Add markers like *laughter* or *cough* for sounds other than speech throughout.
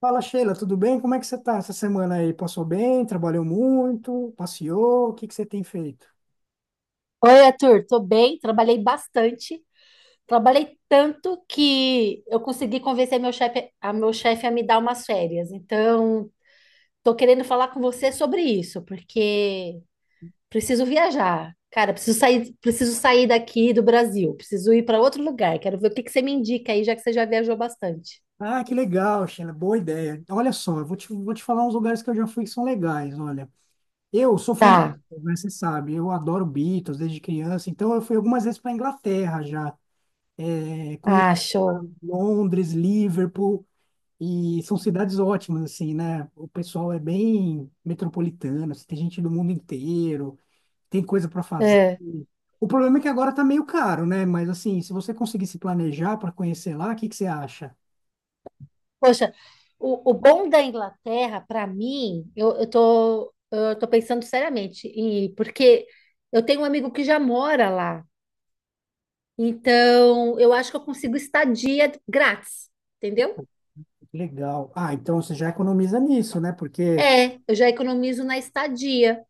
Fala, Sheila, tudo bem? Como é que você tá essa semana aí? Passou bem? Trabalhou muito? Passeou? O que que você tem feito? Oi, Arthur, tô bem, trabalhei bastante, trabalhei tanto que eu consegui convencer a meu chefe a me dar umas férias. Então, tô querendo falar com você sobre isso, porque preciso viajar. Cara, preciso sair daqui do Brasil, preciso ir para outro lugar. Quero ver o que que você me indica aí, já que você já viajou bastante. Ah, que legal, Sheila, boa ideia. Olha só, eu vou te falar uns lugares que eu já fui que são legais, olha. Eu sou fã de Tá, Beatles, né? Você sabe, eu adoro Beatles desde criança, então eu fui algumas vezes para Inglaterra já. Eu conheci ah, show. Londres, Liverpool, e são cidades ótimas, assim, né? O pessoal é bem metropolitano, assim, tem gente do mundo inteiro. Tem coisa para fazer. O problema é que agora tá meio caro, né? Mas assim, se você conseguir se planejar para conhecer lá, o que que você acha? Poxa, o bom da Inglaterra, para mim, eu tô pensando seriamente, e porque eu tenho um amigo que já mora lá, então eu acho que eu consigo estadia grátis, entendeu? Legal. Ah, então você já economiza nisso, né? Porque. É, eu já economizo na estadia.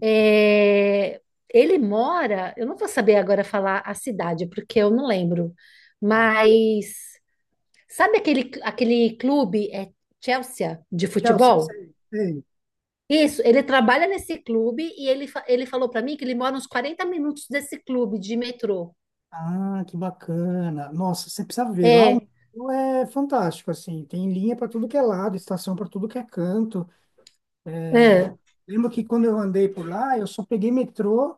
É, ele mora, eu não vou saber agora falar a cidade, porque eu não lembro, Ah, mas sabe aquele clube, Chelsea, de tchau, você, futebol? você- você- Isso, ele trabalha nesse clube e ele falou para mim que ele mora uns 40 minutos desse clube de metrô. Ah, que bacana. Nossa, você precisa ver. Lá o É, museu é fantástico, assim. Tem linha para tudo que é lado, estação para tudo que é canto. é, Lembro que quando eu andei por lá, eu só peguei metrô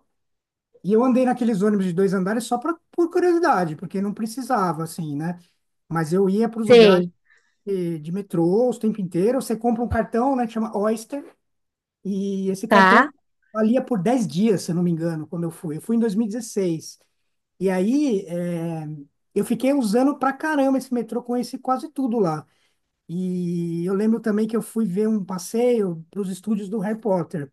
e eu andei naqueles ônibus de dois andares só pra, por curiosidade, porque não precisava, assim, né? Mas eu ia para os lugares sei, de metrô o tempo inteiro. Você compra um cartão, né, que chama Oyster, e esse cartão tá? valia por 10 dias, se eu não me engano, quando eu fui. Eu fui em 2016. E dezesseis. E aí, é, eu fiquei usando pra caramba esse metrô, conheci quase tudo lá. E eu lembro também que eu fui ver um passeio para os estúdios do Harry Potter.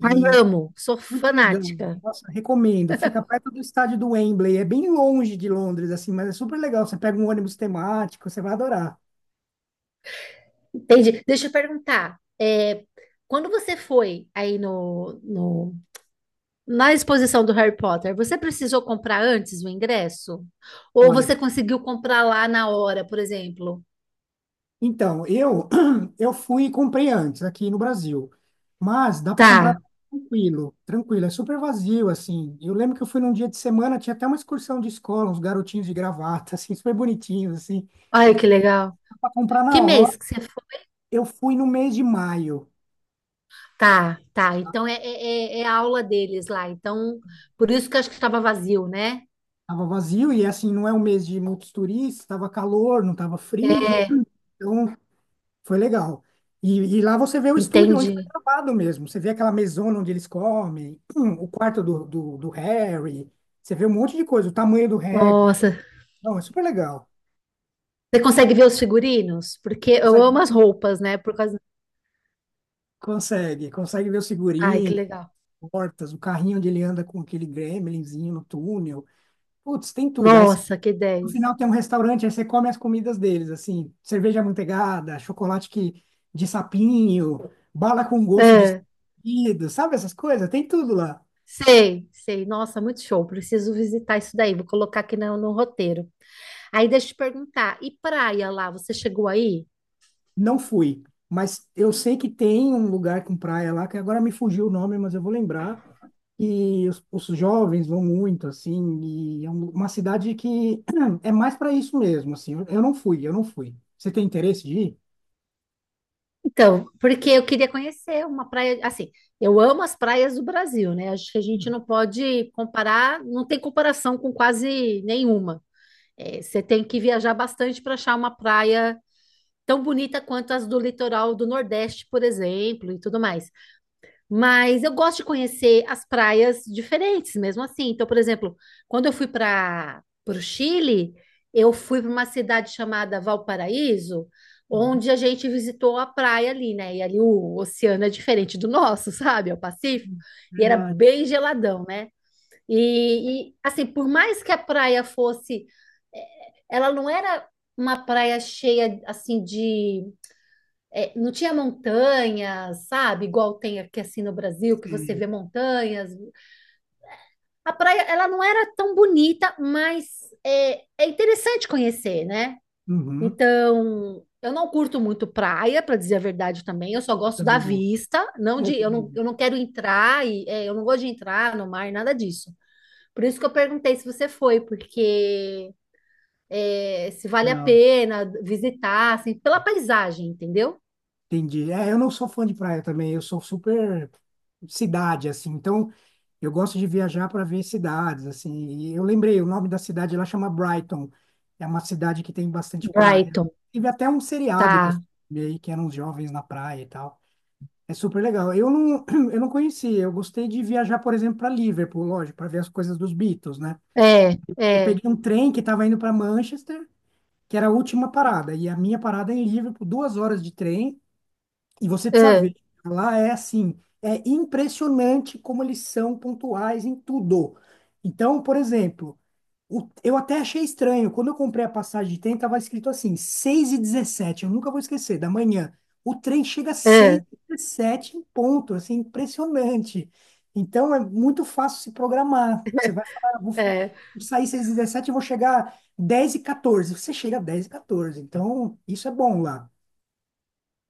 Ai, E amo, sou muito legal. fanática. Nossa, recomendo. Fica perto do estádio do Wembley. É bem longe de Londres, assim, mas é super legal. Você pega um ônibus temático, você vai adorar. Entendi. Deixa eu perguntar, é, quando você foi aí na exposição do Harry Potter, você precisou comprar antes o ingresso? Ou Olha, você conseguiu comprar lá na hora, por exemplo? então, eu *clears throat* eu fui e comprei antes aqui no Brasil, mas dá para comprar Tá. tranquilo, tranquilo, é super vazio assim. Eu lembro que eu fui num dia de semana, tinha até uma excursão de escola, uns garotinhos de gravata, *laughs* assim, super bonitinhos assim, Ai, que legal. para comprar Que na hora. mês que você foi? Eu fui no mês de maio, Tá, tá. tá? Então é a aula deles lá. Então, por isso que eu acho que estava vazio, né? Tava vazio e assim não é um mês de muitos turistas, tava calor, não tava frio, *laughs* É, então foi legal. E lá você vê o estúdio onde foi entendi. gravado mesmo. Você vê aquela mesona onde eles comem, o quarto do Harry. Você vê um monte de coisa, o tamanho do Hagrid. Nossa. Não, é super legal. Você consegue ver os figurinos? Porque eu Consegue, amo as roupas, né? Por causa. consegue, consegue ver o Ai, que figurino, legal. portas, o carrinho onde ele anda com aquele gremlinzinho no túnel. Putz, tem tudo. Aí Nossa, que no dez. final tem um restaurante, aí você come as comidas deles, assim, cerveja amanteigada, chocolate que, de sapinho, bala com gosto de É, escolhido, sabe essas coisas? Tem tudo lá. sei, sei. Nossa, muito show. Preciso visitar isso daí. Vou colocar aqui no roteiro. Aí deixa eu te perguntar. E praia lá? Você chegou aí? Não fui, mas eu sei que tem um lugar com praia lá, que agora me fugiu o nome, mas eu vou lembrar. E os jovens vão muito, assim, e é uma cidade que *clears throat* é mais para isso mesmo, assim. Eu não fui, eu não fui. Você tem interesse de ir? Então, porque eu queria conhecer uma praia, assim, eu amo as praias do Brasil, né? Acho que a gente não pode comparar, não tem comparação com quase nenhuma. É, você tem que viajar bastante para achar uma praia tão bonita quanto as do litoral do Nordeste, por exemplo, e tudo mais. Mas eu gosto de conhecer as praias diferentes, mesmo assim. Então, por exemplo, quando eu fui para o Chile, eu fui para uma cidade chamada Valparaíso, Uhum. onde a gente visitou a praia ali, né? E ali o oceano é diferente do nosso, *laughs* sabe? É o Pacífico. E era Verdade, bem geladão, né? E assim, por mais que a praia fosse, ela não era uma praia cheia assim de é, não tinha montanhas, sabe? Igual tem aqui assim no Brasil, que você sim. vê montanhas. A praia, ela não era tão bonita, mas é, é interessante conhecer, né? Uhum. Então, eu não curto muito praia, para dizer a verdade também. Eu só Eu gosto da também não. vista, não É, de, também eu não quero entrar e é, eu não gosto de entrar no mar, nada disso. Por isso que eu perguntei se você foi, porque é, se vale a não. pena visitar, assim, pela paisagem, entendeu? Entendi. É, eu não sou fã de praia também, eu sou super cidade, assim. Então, eu gosto de viajar para ver cidades, assim. E eu lembrei, o nome da cidade lá chama Brighton. É uma cidade que tem bastante praia. Brighton, Tive até um seriado com esse tá. filme aí, que eram os jovens na praia e tal. É super legal. Eu não, *clears throat* eu não conhecia, eu gostei de viajar, por exemplo, para Liverpool, lógico, para ver as coisas dos Beatles, né? É, Eu é, peguei um trem que estava indo para Manchester, que era a última parada, e a minha parada é em Liverpool, 2 horas de trem. E você precisa é, ver, lá é assim, é impressionante como eles são pontuais em tudo. Então, por exemplo, eu até achei estranho, quando eu comprei a passagem de trem, tava escrito assim, 6h17, eu nunca vou esquecer, da manhã. O trem chega às é, 6h17 em ponto, assim, impressionante. Então, é muito fácil se programar. Você vai falar, "Ah, vou é. sair 6h17 e vou chegar dez e 14. Você chega dez e 14, então isso é bom lá."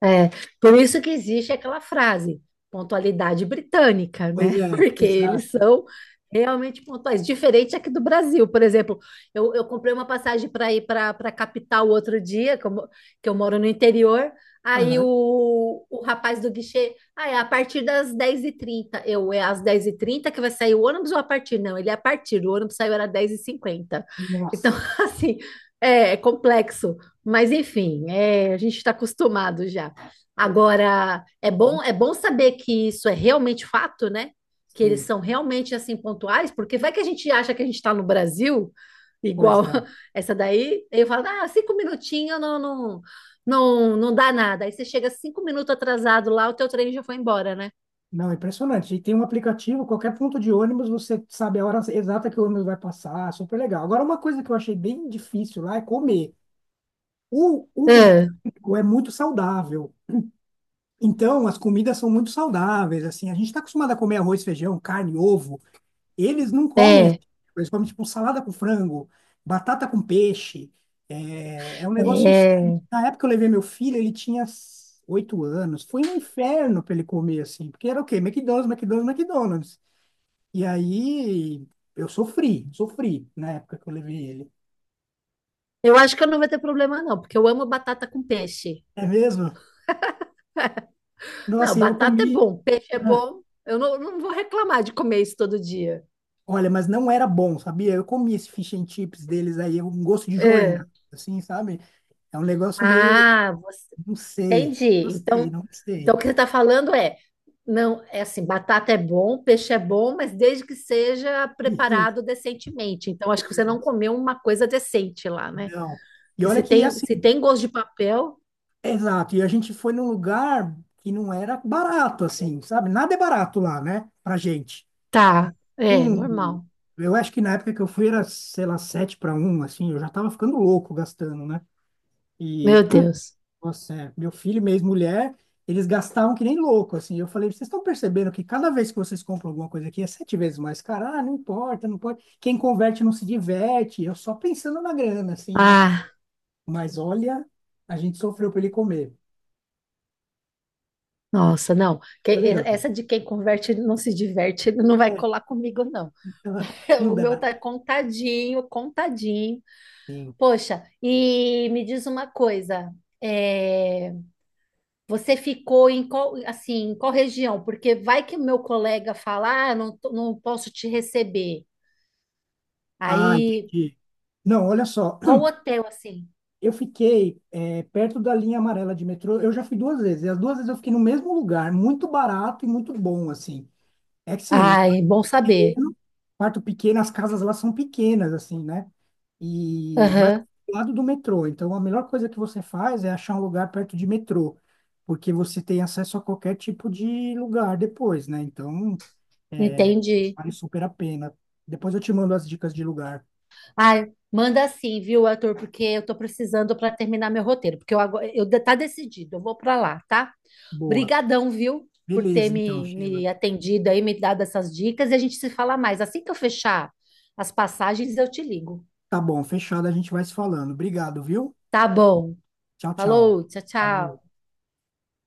É, por isso que existe aquela frase, pontualidade britânica, Pois né? *laughs* é, Porque eles exato. são realmente pontuais. Diferente aqui do Brasil, por exemplo, eu comprei uma passagem para ir para a capital outro dia, que eu moro no interior. Aí Aham. o rapaz do guichê, ah, é a partir das 10h30. É às 10h30 que vai sair o ônibus ou a partir? Não, ele é a partir, o ônibus saiu era 10h50. Então, Nossa, *laughs* assim, é complexo. Mas enfim, é, a gente está acostumado já. Agora, é bom saber que isso é realmente fato, né? Que eles sim, são realmente assim pontuais, porque vai que a gente acha que a gente está no Brasil, igual pois é. *laughs* essa daí, aí eu falo, ah, cinco minutinhos não, não, não, não dá nada. Aí você chega 5 minutos atrasado lá, o teu trem já foi embora, né? Não, é impressionante. E tem um aplicativo, qualquer ponto de ônibus, você sabe a hora exata que o ônibus vai passar, super legal. Agora, uma coisa que eu achei bem difícil lá é comer. O É, britânico é muito saudável. Então, as comidas são muito saudáveis, assim. A gente está acostumado a comer arroz, feijão, carne, ovo. Eles não comem esse é, tipo, eles comem tipo salada com frango, batata com peixe. É, é um negócio estranho. é. Na época que eu levei meu filho, ele tinha 8 anos. Foi um inferno para ele comer assim, porque era o quê? McDonald's, McDonald's, McDonald's. E aí eu sofri, sofri na época que eu levei ele. Eu acho que eu não vou ter problema, não, porque eu amo batata com peixe. É mesmo? Não, Nossa, e eu batata é comi. bom, peixe é Ah, bom. Eu não, não vou reclamar de comer isso todo dia. olha, mas não era bom, sabia? Eu comi esse fish and chips deles aí, um gosto de jornal, É. assim, sabe? É um negócio meio, Ah, não sei, não entendi. sei, Então, não sei. então o que você está falando é, não, é assim, batata é bom, peixe é bom, mas desde que seja E- preparado decentemente. Então, acho que você não e- comeu uma coisa decente lá, né? Não. E Que olha se que tem, assim, se tem gosto de papel, exato. E a gente foi num lugar que não era barato, assim, sabe? Nada é barato lá, né? Pra gente. tá, é Um, normal. eu acho que na época que eu fui era, sei lá, 7 para um assim, eu já tava ficando louco gastando, né? Meu E, Deus. nossa, é, meu filho e minha ex-mulher, eles gastavam que nem louco, assim. Eu falei, vocês estão percebendo que cada vez que vocês compram alguma coisa aqui é 7 vezes mais cara? Ah, não importa, não pode. Quem converte não se diverte. Eu só pensando na grana, assim, né? Ah, Mas olha, a gente sofreu para ele comer. nossa, não. Foi legal. Essa de quem converte não se diverte, não vai É, colar comigo, não. *laughs* *laughs* não O meu dá. tá contadinho, contadinho. Sim. Poxa, e me diz uma coisa. É... Você ficou em qual, assim, em qual região? Porque vai que meu colega falar, ah, não, não posso te receber. Ah, Aí, entendi. Não, olha só. qual *clears throat* hotel, assim? Eu fiquei é, perto da linha amarela de metrô. Eu já fui 2 vezes. E as 2 vezes eu fiquei no mesmo lugar, muito barato e muito bom, assim. É que sim, Ai, bom saber. pequeno, quarto pequeno, as casas lá são pequenas, assim, né? E, mas Aham, do lado do metrô. Então, a melhor coisa que você faz é achar um lugar perto de metrô, porque você tem acesso a qualquer tipo de lugar depois, né? Então, é, entendi. vale super a pena. Depois eu te mando as dicas de lugar. Ai, manda assim, viu, Arthur? Porque eu tô precisando para terminar meu roteiro, porque eu agora, tá decidido, eu vou para lá, tá? Boa. Brigadão, viu, por ter Beleza, então, me, Sheila. me atendido aí, me dado essas dicas e a gente se fala mais. Assim que eu fechar as passagens, eu te ligo. Tá bom, fechado, a gente vai se falando. Obrigado, viu? Tá bom. Tchau, tchau. Falou, tchau, tchau. Falou.